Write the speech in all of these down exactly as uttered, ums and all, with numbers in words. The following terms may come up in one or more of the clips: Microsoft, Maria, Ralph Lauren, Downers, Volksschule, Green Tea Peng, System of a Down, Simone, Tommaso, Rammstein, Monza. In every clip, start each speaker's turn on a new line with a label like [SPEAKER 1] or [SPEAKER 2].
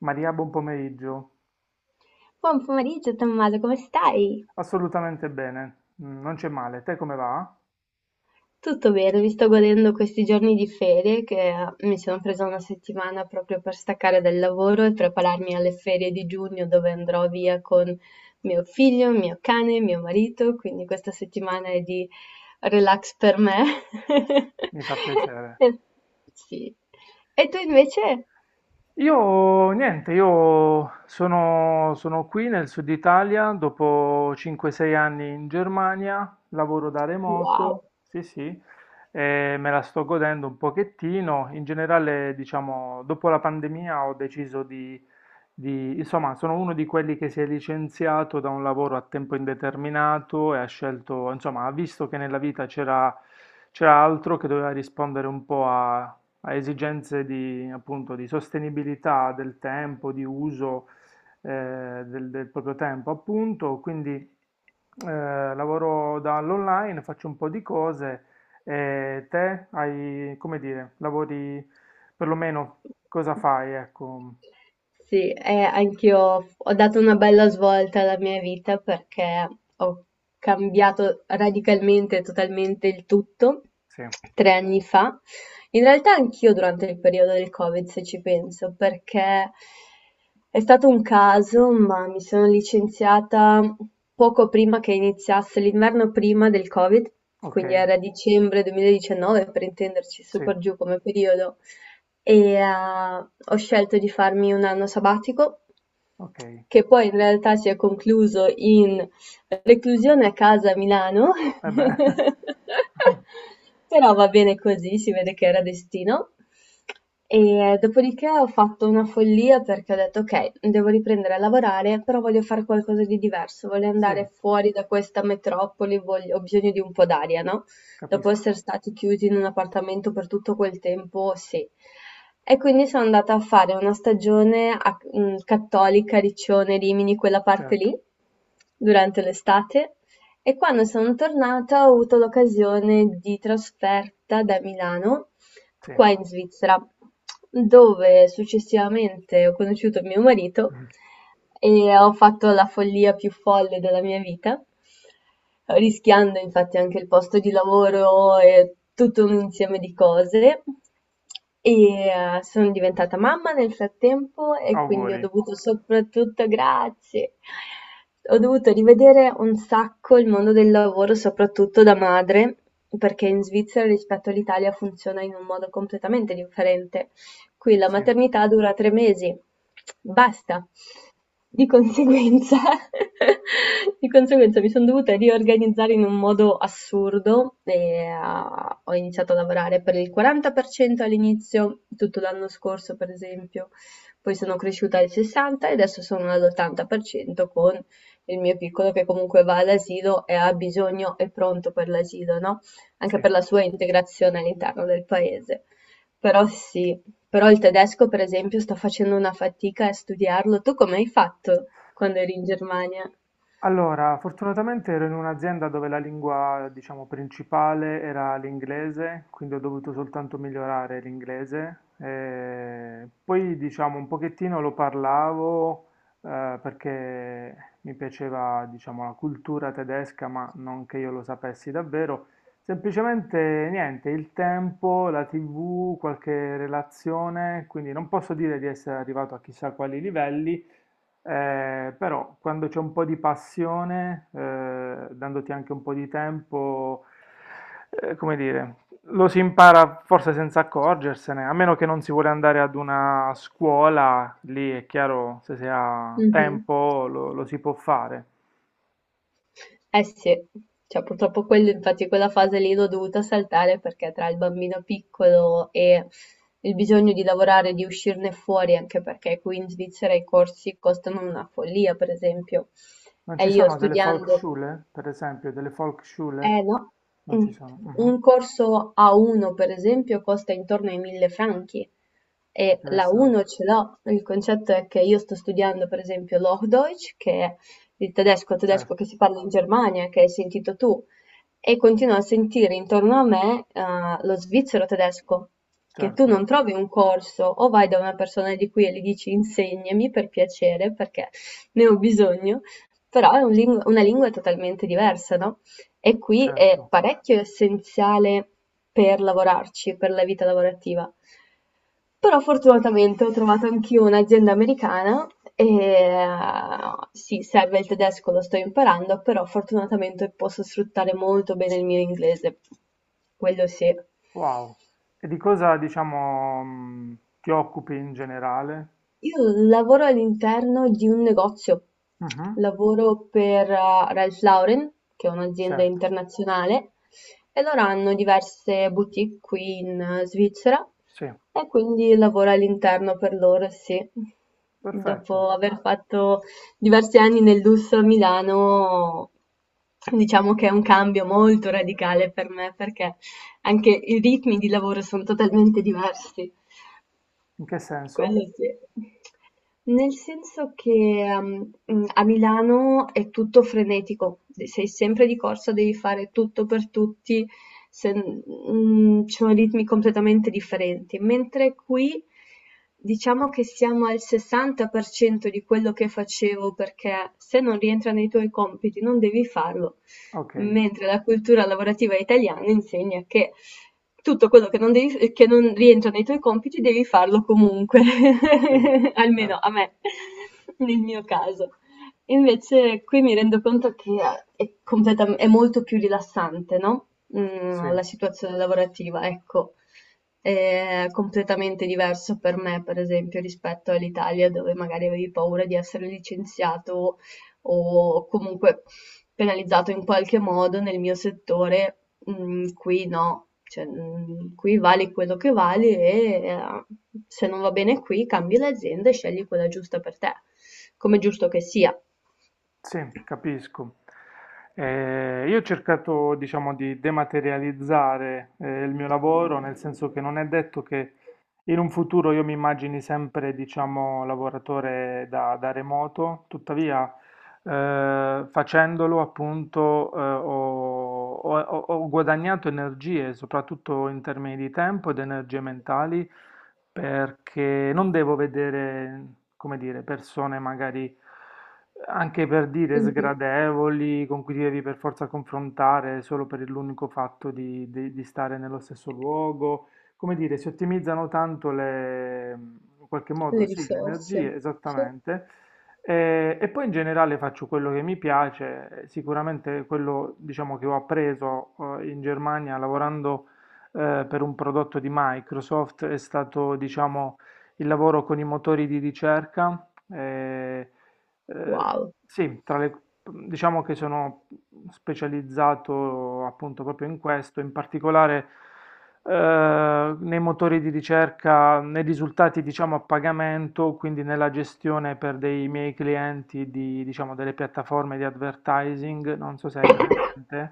[SPEAKER 1] Maria, buon pomeriggio.
[SPEAKER 2] Buon pomeriggio Tommaso, come stai?
[SPEAKER 1] Assolutamente bene, mm, non c'è male. Te come va?
[SPEAKER 2] Tutto bene, mi sto godendo questi giorni di ferie che eh, mi sono presa una settimana proprio per staccare dal lavoro e prepararmi alle ferie di giugno dove andrò via con mio figlio, mio cane, mio marito, quindi questa settimana è di relax per me.
[SPEAKER 1] Mi fa piacere.
[SPEAKER 2] Sì. E tu invece?
[SPEAKER 1] Io niente, io sono, sono qui nel sud Italia dopo cinque sei anni in Germania, lavoro da remoto,
[SPEAKER 2] Wow!
[SPEAKER 1] sì sì, e me la sto godendo un pochettino. In generale, diciamo, dopo la pandemia ho deciso di, di- insomma, sono uno di quelli che si è licenziato da un lavoro a tempo indeterminato e ha scelto, insomma, ha visto che nella vita c'era c'era altro che doveva rispondere un po' a a esigenze di, appunto, di sostenibilità del tempo, di uso eh, del, del proprio tempo, appunto. Quindi eh, lavoro dall'online, faccio un po' di cose e te hai, come dire, lavori perlomeno cosa fai? Ecco,
[SPEAKER 2] Sì, eh, anch'io ho dato una bella svolta alla mia vita perché ho cambiato radicalmente, totalmente il tutto
[SPEAKER 1] sì,
[SPEAKER 2] tre anni fa. In realtà anch'io durante il periodo del Covid, se ci penso, perché è stato un caso, ma mi sono licenziata poco prima che iniziasse l'inverno prima del Covid,
[SPEAKER 1] ok,
[SPEAKER 2] quindi era dicembre duemiladiciannove per intenderci,
[SPEAKER 1] sì,
[SPEAKER 2] super giù come periodo e ah, ho scelto di farmi un anno sabbatico
[SPEAKER 1] ok.
[SPEAKER 2] che poi in realtà si è concluso in reclusione a casa a Milano,
[SPEAKER 1] E beh,
[SPEAKER 2] però va bene così, si vede che era destino. E eh, dopodiché ho fatto una follia perché ho detto ok, devo riprendere a lavorare, però voglio fare qualcosa di diverso, voglio
[SPEAKER 1] sì,
[SPEAKER 2] andare fuori da questa metropoli, voglio- ho bisogno di un po' d'aria, no? Dopo
[SPEAKER 1] capisco,
[SPEAKER 2] essere stati chiusi in un appartamento per tutto quel tempo, sì. E quindi sono andata a fare una stagione a mh, Cattolica, Riccione, Rimini, quella parte
[SPEAKER 1] certo,
[SPEAKER 2] lì, durante l'estate. E quando sono tornata ho avuto l'occasione di trasferta da Milano
[SPEAKER 1] sì.
[SPEAKER 2] qua in Svizzera, dove successivamente ho conosciuto mio marito e ho fatto la follia più folle della mia vita, rischiando infatti anche il posto di lavoro e tutto un insieme di cose. E, ehm, sono diventata mamma nel frattempo e quindi ho
[SPEAKER 1] Auguri,
[SPEAKER 2] dovuto soprattutto grazie. Ho dovuto rivedere un sacco il mondo del lavoro, soprattutto da madre, perché in Svizzera rispetto all'Italia funziona in un modo completamente differente. Qui la
[SPEAKER 1] sì,
[SPEAKER 2] maternità dura tre mesi. Basta. Di conseguenza, di conseguenza mi sono dovuta riorganizzare in un modo assurdo e ah, ho iniziato a lavorare per il quaranta per cento all'inizio, tutto l'anno scorso per esempio, poi sono cresciuta al sessanta per cento e adesso sono all'ottanta per cento con il mio piccolo che comunque va all'asilo e ha bisogno, è pronto per l'asilo, no? Anche per
[SPEAKER 1] sì.
[SPEAKER 2] la sua integrazione all'interno del paese. Però sì, però il tedesco per esempio sto facendo una fatica a studiarlo. Tu come hai fatto quando eri in Germania?
[SPEAKER 1] Allora, fortunatamente ero in un'azienda dove la lingua, diciamo, principale era l'inglese, quindi ho dovuto soltanto migliorare l'inglese. Eh, poi, diciamo, un pochettino lo parlavo, eh, perché mi piaceva, diciamo, la cultura tedesca, ma non che io lo sapessi davvero. Semplicemente niente, il tempo, la tivù, qualche relazione, quindi non posso dire di essere arrivato a chissà quali livelli. Eh, però quando c'è un po' di passione, eh, dandoti anche un po' di tempo, eh, come dire, lo si impara forse senza accorgersene, a meno che non si vuole andare ad una scuola, lì è chiaro, se si ha
[SPEAKER 2] Mh-mh.
[SPEAKER 1] tempo lo, lo si può fare.
[SPEAKER 2] Eh sì, cioè purtroppo quello infatti quella fase lì l'ho dovuta saltare perché tra il bambino piccolo e il bisogno di lavorare, di uscirne fuori, anche perché qui in Svizzera i corsi costano una follia, per esempio.
[SPEAKER 1] Non
[SPEAKER 2] E
[SPEAKER 1] ci
[SPEAKER 2] io
[SPEAKER 1] sono delle
[SPEAKER 2] studiando.
[SPEAKER 1] Volksschule, per esempio, delle Volksschule?
[SPEAKER 2] Eh no.
[SPEAKER 1] Non
[SPEAKER 2] Mm.
[SPEAKER 1] ci sono. mhm,
[SPEAKER 2] Un corso A uno per esempio costa intorno ai mille franchi e l'A uno
[SPEAKER 1] Interessante.
[SPEAKER 2] ce l'ho. Il concetto è che io sto studiando per esempio l'Hochdeutsch, che è il tedesco, tedesco
[SPEAKER 1] Certo,
[SPEAKER 2] che si parla in Germania, che hai sentito tu, e continuo a sentire intorno a me eh, lo svizzero tedesco, che tu
[SPEAKER 1] certo,
[SPEAKER 2] non trovi un corso o vai da una persona di qui e gli dici insegnami per piacere perché ne ho bisogno, però è un lingu- una lingua totalmente diversa, no? E qui è
[SPEAKER 1] certo.
[SPEAKER 2] parecchio essenziale per lavorarci, per la vita lavorativa. Però fortunatamente ho trovato anch'io un'azienda americana e eh, sì, serve il tedesco, lo sto imparando, però fortunatamente posso sfruttare molto bene il mio inglese, quello sì.
[SPEAKER 1] Wow. E di cosa, diciamo, mh, ti occupi in generale?
[SPEAKER 2] Io lavoro all'interno di un negozio,
[SPEAKER 1] Mhm,
[SPEAKER 2] lavoro per eh, Ralph Lauren, che è un'azienda
[SPEAKER 1] certo,
[SPEAKER 2] internazionale, e loro hanno diverse boutique qui in eh, Svizzera
[SPEAKER 1] sì,
[SPEAKER 2] e quindi lavoro all'interno per loro, sì.
[SPEAKER 1] perfetto.
[SPEAKER 2] Dopo aver fatto diversi anni nel lusso a Milano, diciamo che è un cambio molto radicale per me perché anche i ritmi di lavoro sono totalmente diversi.
[SPEAKER 1] In che
[SPEAKER 2] Quello
[SPEAKER 1] senso?
[SPEAKER 2] sì. Nel senso che ehm, mh, a Milano è tutto frenetico, sei sempre di corsa, devi fare tutto per tutti, se- mh, ci sono ritmi completamente differenti, mentre qui diciamo che siamo al sessanta per cento di quello che facevo perché se non rientra nei tuoi compiti non devi farlo,
[SPEAKER 1] Ok,
[SPEAKER 2] mentre la cultura lavorativa italiana insegna che tutto quello che non, devi- che non rientra nei tuoi compiti devi farlo comunque,
[SPEAKER 1] sì,
[SPEAKER 2] almeno
[SPEAKER 1] certo,
[SPEAKER 2] a me, nel mio caso. Invece qui mi rendo conto che è, completam- è molto più rilassante, no?
[SPEAKER 1] sì,
[SPEAKER 2] Mm, la situazione lavorativa, ecco, è completamente diverso per me, per esempio, rispetto all'Italia dove magari avevi paura di essere licenziato o comunque penalizzato in qualche modo nel mio settore, mhmm, qui no, cioè, mhmm, qui vali quello che vali e, ehm, se non va bene qui cambi l'azienda e scegli quella giusta per te, come è giusto che sia.
[SPEAKER 1] sì, capisco. Eh, io ho cercato, diciamo, di dematerializzare, eh, il mio lavoro, nel senso che non è detto che in un futuro io mi immagini sempre, diciamo, lavoratore da, da remoto, tuttavia eh, facendolo appunto eh, ho, ho- ho guadagnato energie, soprattutto in termini di tempo ed energie mentali, perché non devo vedere, come dire, persone magari anche per dire
[SPEAKER 2] Mh-mh.
[SPEAKER 1] sgradevoli, con cui ti devi per forza confrontare solo per l'unico fatto di, di- di stare nello stesso luogo. Come dire, si ottimizzano tanto le, in qualche
[SPEAKER 2] Le
[SPEAKER 1] modo, sì, le
[SPEAKER 2] risorse.
[SPEAKER 1] energie,
[SPEAKER 2] Sì.
[SPEAKER 1] esattamente. Eh, E, poi in generale faccio quello che mi piace, eh, sicuramente quello diciamo, che ho appreso eh, in Germania lavorando eh, per un prodotto di Microsoft è stato diciamo, il lavoro con i motori di ricerca. Eh,
[SPEAKER 2] Wow,
[SPEAKER 1] sì, tra le diciamo che sono specializzato appunto proprio in questo, in particolare eh, nei motori di ricerca, nei risultati diciamo a pagamento, quindi nella gestione per dei miei clienti di, diciamo, delle piattaforme di advertising, non so se hai presente.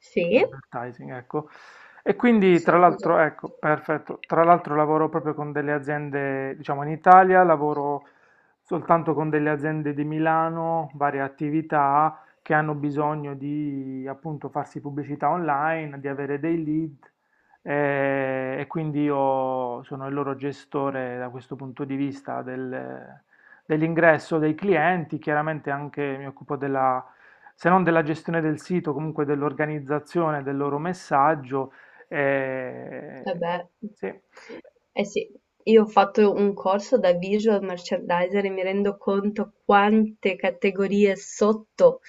[SPEAKER 2] sì.
[SPEAKER 1] Advertising, ecco. E quindi
[SPEAKER 2] So
[SPEAKER 1] tra
[SPEAKER 2] cos'è.
[SPEAKER 1] l'altro, ecco, perfetto, tra l'altro lavoro proprio con delle aziende, diciamo in Italia, lavoro soltanto con delle aziende di Milano, varie attività che hanno bisogno di appunto farsi pubblicità online, di avere dei lead eh, e quindi io sono il loro gestore da questo punto di vista del- dell'ingresso dei clienti, chiaramente anche mi occupo della se non della gestione del sito, comunque dell'organizzazione del loro messaggio. eh,
[SPEAKER 2] Vabbè.
[SPEAKER 1] sì,
[SPEAKER 2] Eh sì, io ho fatto un corso da visual merchandiser e mi rendo conto quante categorie sotto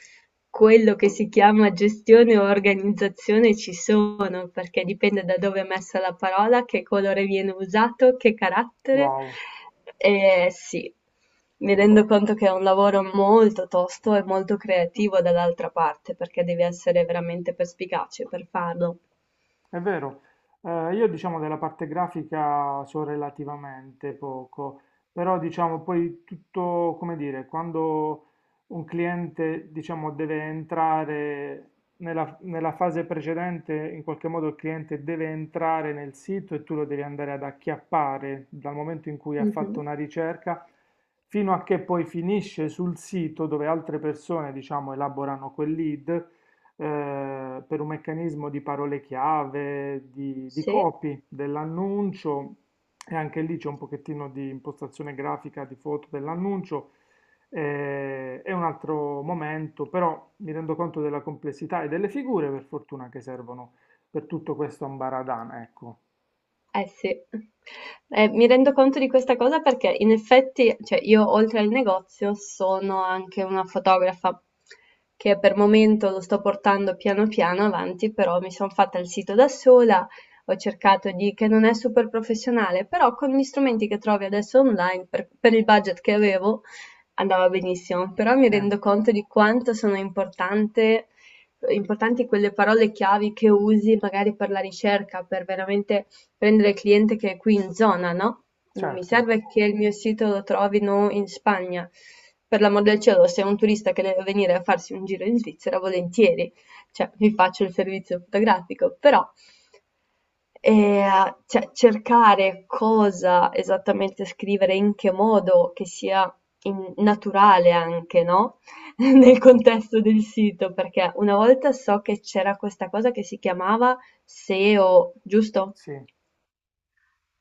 [SPEAKER 2] quello che si chiama gestione o organizzazione ci sono, perché dipende da dove è messa la parola, che colore viene usato, che carattere.
[SPEAKER 1] wow.
[SPEAKER 2] E sì, mi rendo conto che è un lavoro molto tosto e molto creativo dall'altra parte, perché devi essere veramente perspicace per farlo.
[SPEAKER 1] È vero, Eh, io diciamo della parte grafica so relativamente poco, però diciamo poi tutto, come dire, quando un cliente diciamo deve entrare nella, nella fase precedente, in qualche modo il cliente deve entrare nel sito e tu lo devi andare ad acchiappare dal momento in cui ha fatto
[SPEAKER 2] Mhm.
[SPEAKER 1] una ricerca fino a che poi finisce sul sito dove altre persone diciamo elaborano quel lead eh, per un meccanismo di parole chiave, di, di
[SPEAKER 2] Sì.
[SPEAKER 1] copy dell'annuncio e anche lì c'è un pochettino di impostazione grafica di foto dell'annuncio. Eh, è un altro momento, però mi rendo conto della complessità e delle figure, per fortuna, che servono per tutto questo ambaradan, ecco.
[SPEAKER 2] Eh sì, eh, mi rendo conto di questa cosa perché in effetti, cioè io oltre al negozio sono anche una fotografa che per momento lo sto portando piano piano avanti, però mi sono fatta il sito da sola, ho cercato di, che non è super professionale, però con gli strumenti che trovi adesso online, per, per il budget che avevo, andava benissimo, però mi
[SPEAKER 1] Sì,
[SPEAKER 2] rendo conto di quanto sono importante importanti quelle parole chiavi che usi magari per la ricerca, per veramente prendere il cliente che è qui in zona, no? Non mi
[SPEAKER 1] certo,
[SPEAKER 2] serve che il mio sito lo trovino in Spagna. Per l'amor del cielo, se è un turista che deve venire a farsi un giro in Svizzera, volentieri, cioè vi faccio il servizio fotografico, però eh, cioè, cercare cosa esattamente scrivere, in che modo, che sia in- naturale anche, no? Nel
[SPEAKER 1] certo,
[SPEAKER 2] contesto del sito, perché una volta so che c'era questa cosa che si chiamava SEO, giusto?
[SPEAKER 1] sì,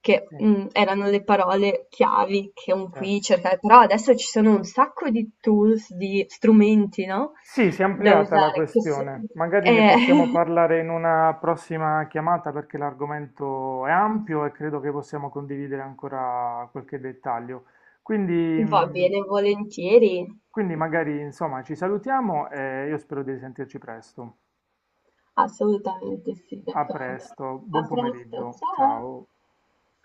[SPEAKER 2] Che,
[SPEAKER 1] sì,
[SPEAKER 2] mhmm, erano le parole chiavi che un
[SPEAKER 1] certo.
[SPEAKER 2] qui cerca, però adesso ci sono un sacco di tools, di strumenti, no,
[SPEAKER 1] Sì, si è
[SPEAKER 2] da
[SPEAKER 1] ampliata la
[SPEAKER 2] usare che s
[SPEAKER 1] questione. Magari ne
[SPEAKER 2] eh,
[SPEAKER 1] possiamo parlare in una prossima chiamata perché l'argomento è ampio e credo che possiamo condividere ancora qualche dettaglio. Quindi,
[SPEAKER 2] va
[SPEAKER 1] mh,
[SPEAKER 2] bene, volentieri.
[SPEAKER 1] quindi magari insomma ci salutiamo e io spero di risentirci presto.
[SPEAKER 2] Assolutamente sì,
[SPEAKER 1] A
[SPEAKER 2] d'accordo.
[SPEAKER 1] presto, buon
[SPEAKER 2] A presto,
[SPEAKER 1] pomeriggio,
[SPEAKER 2] ciao.
[SPEAKER 1] ciao.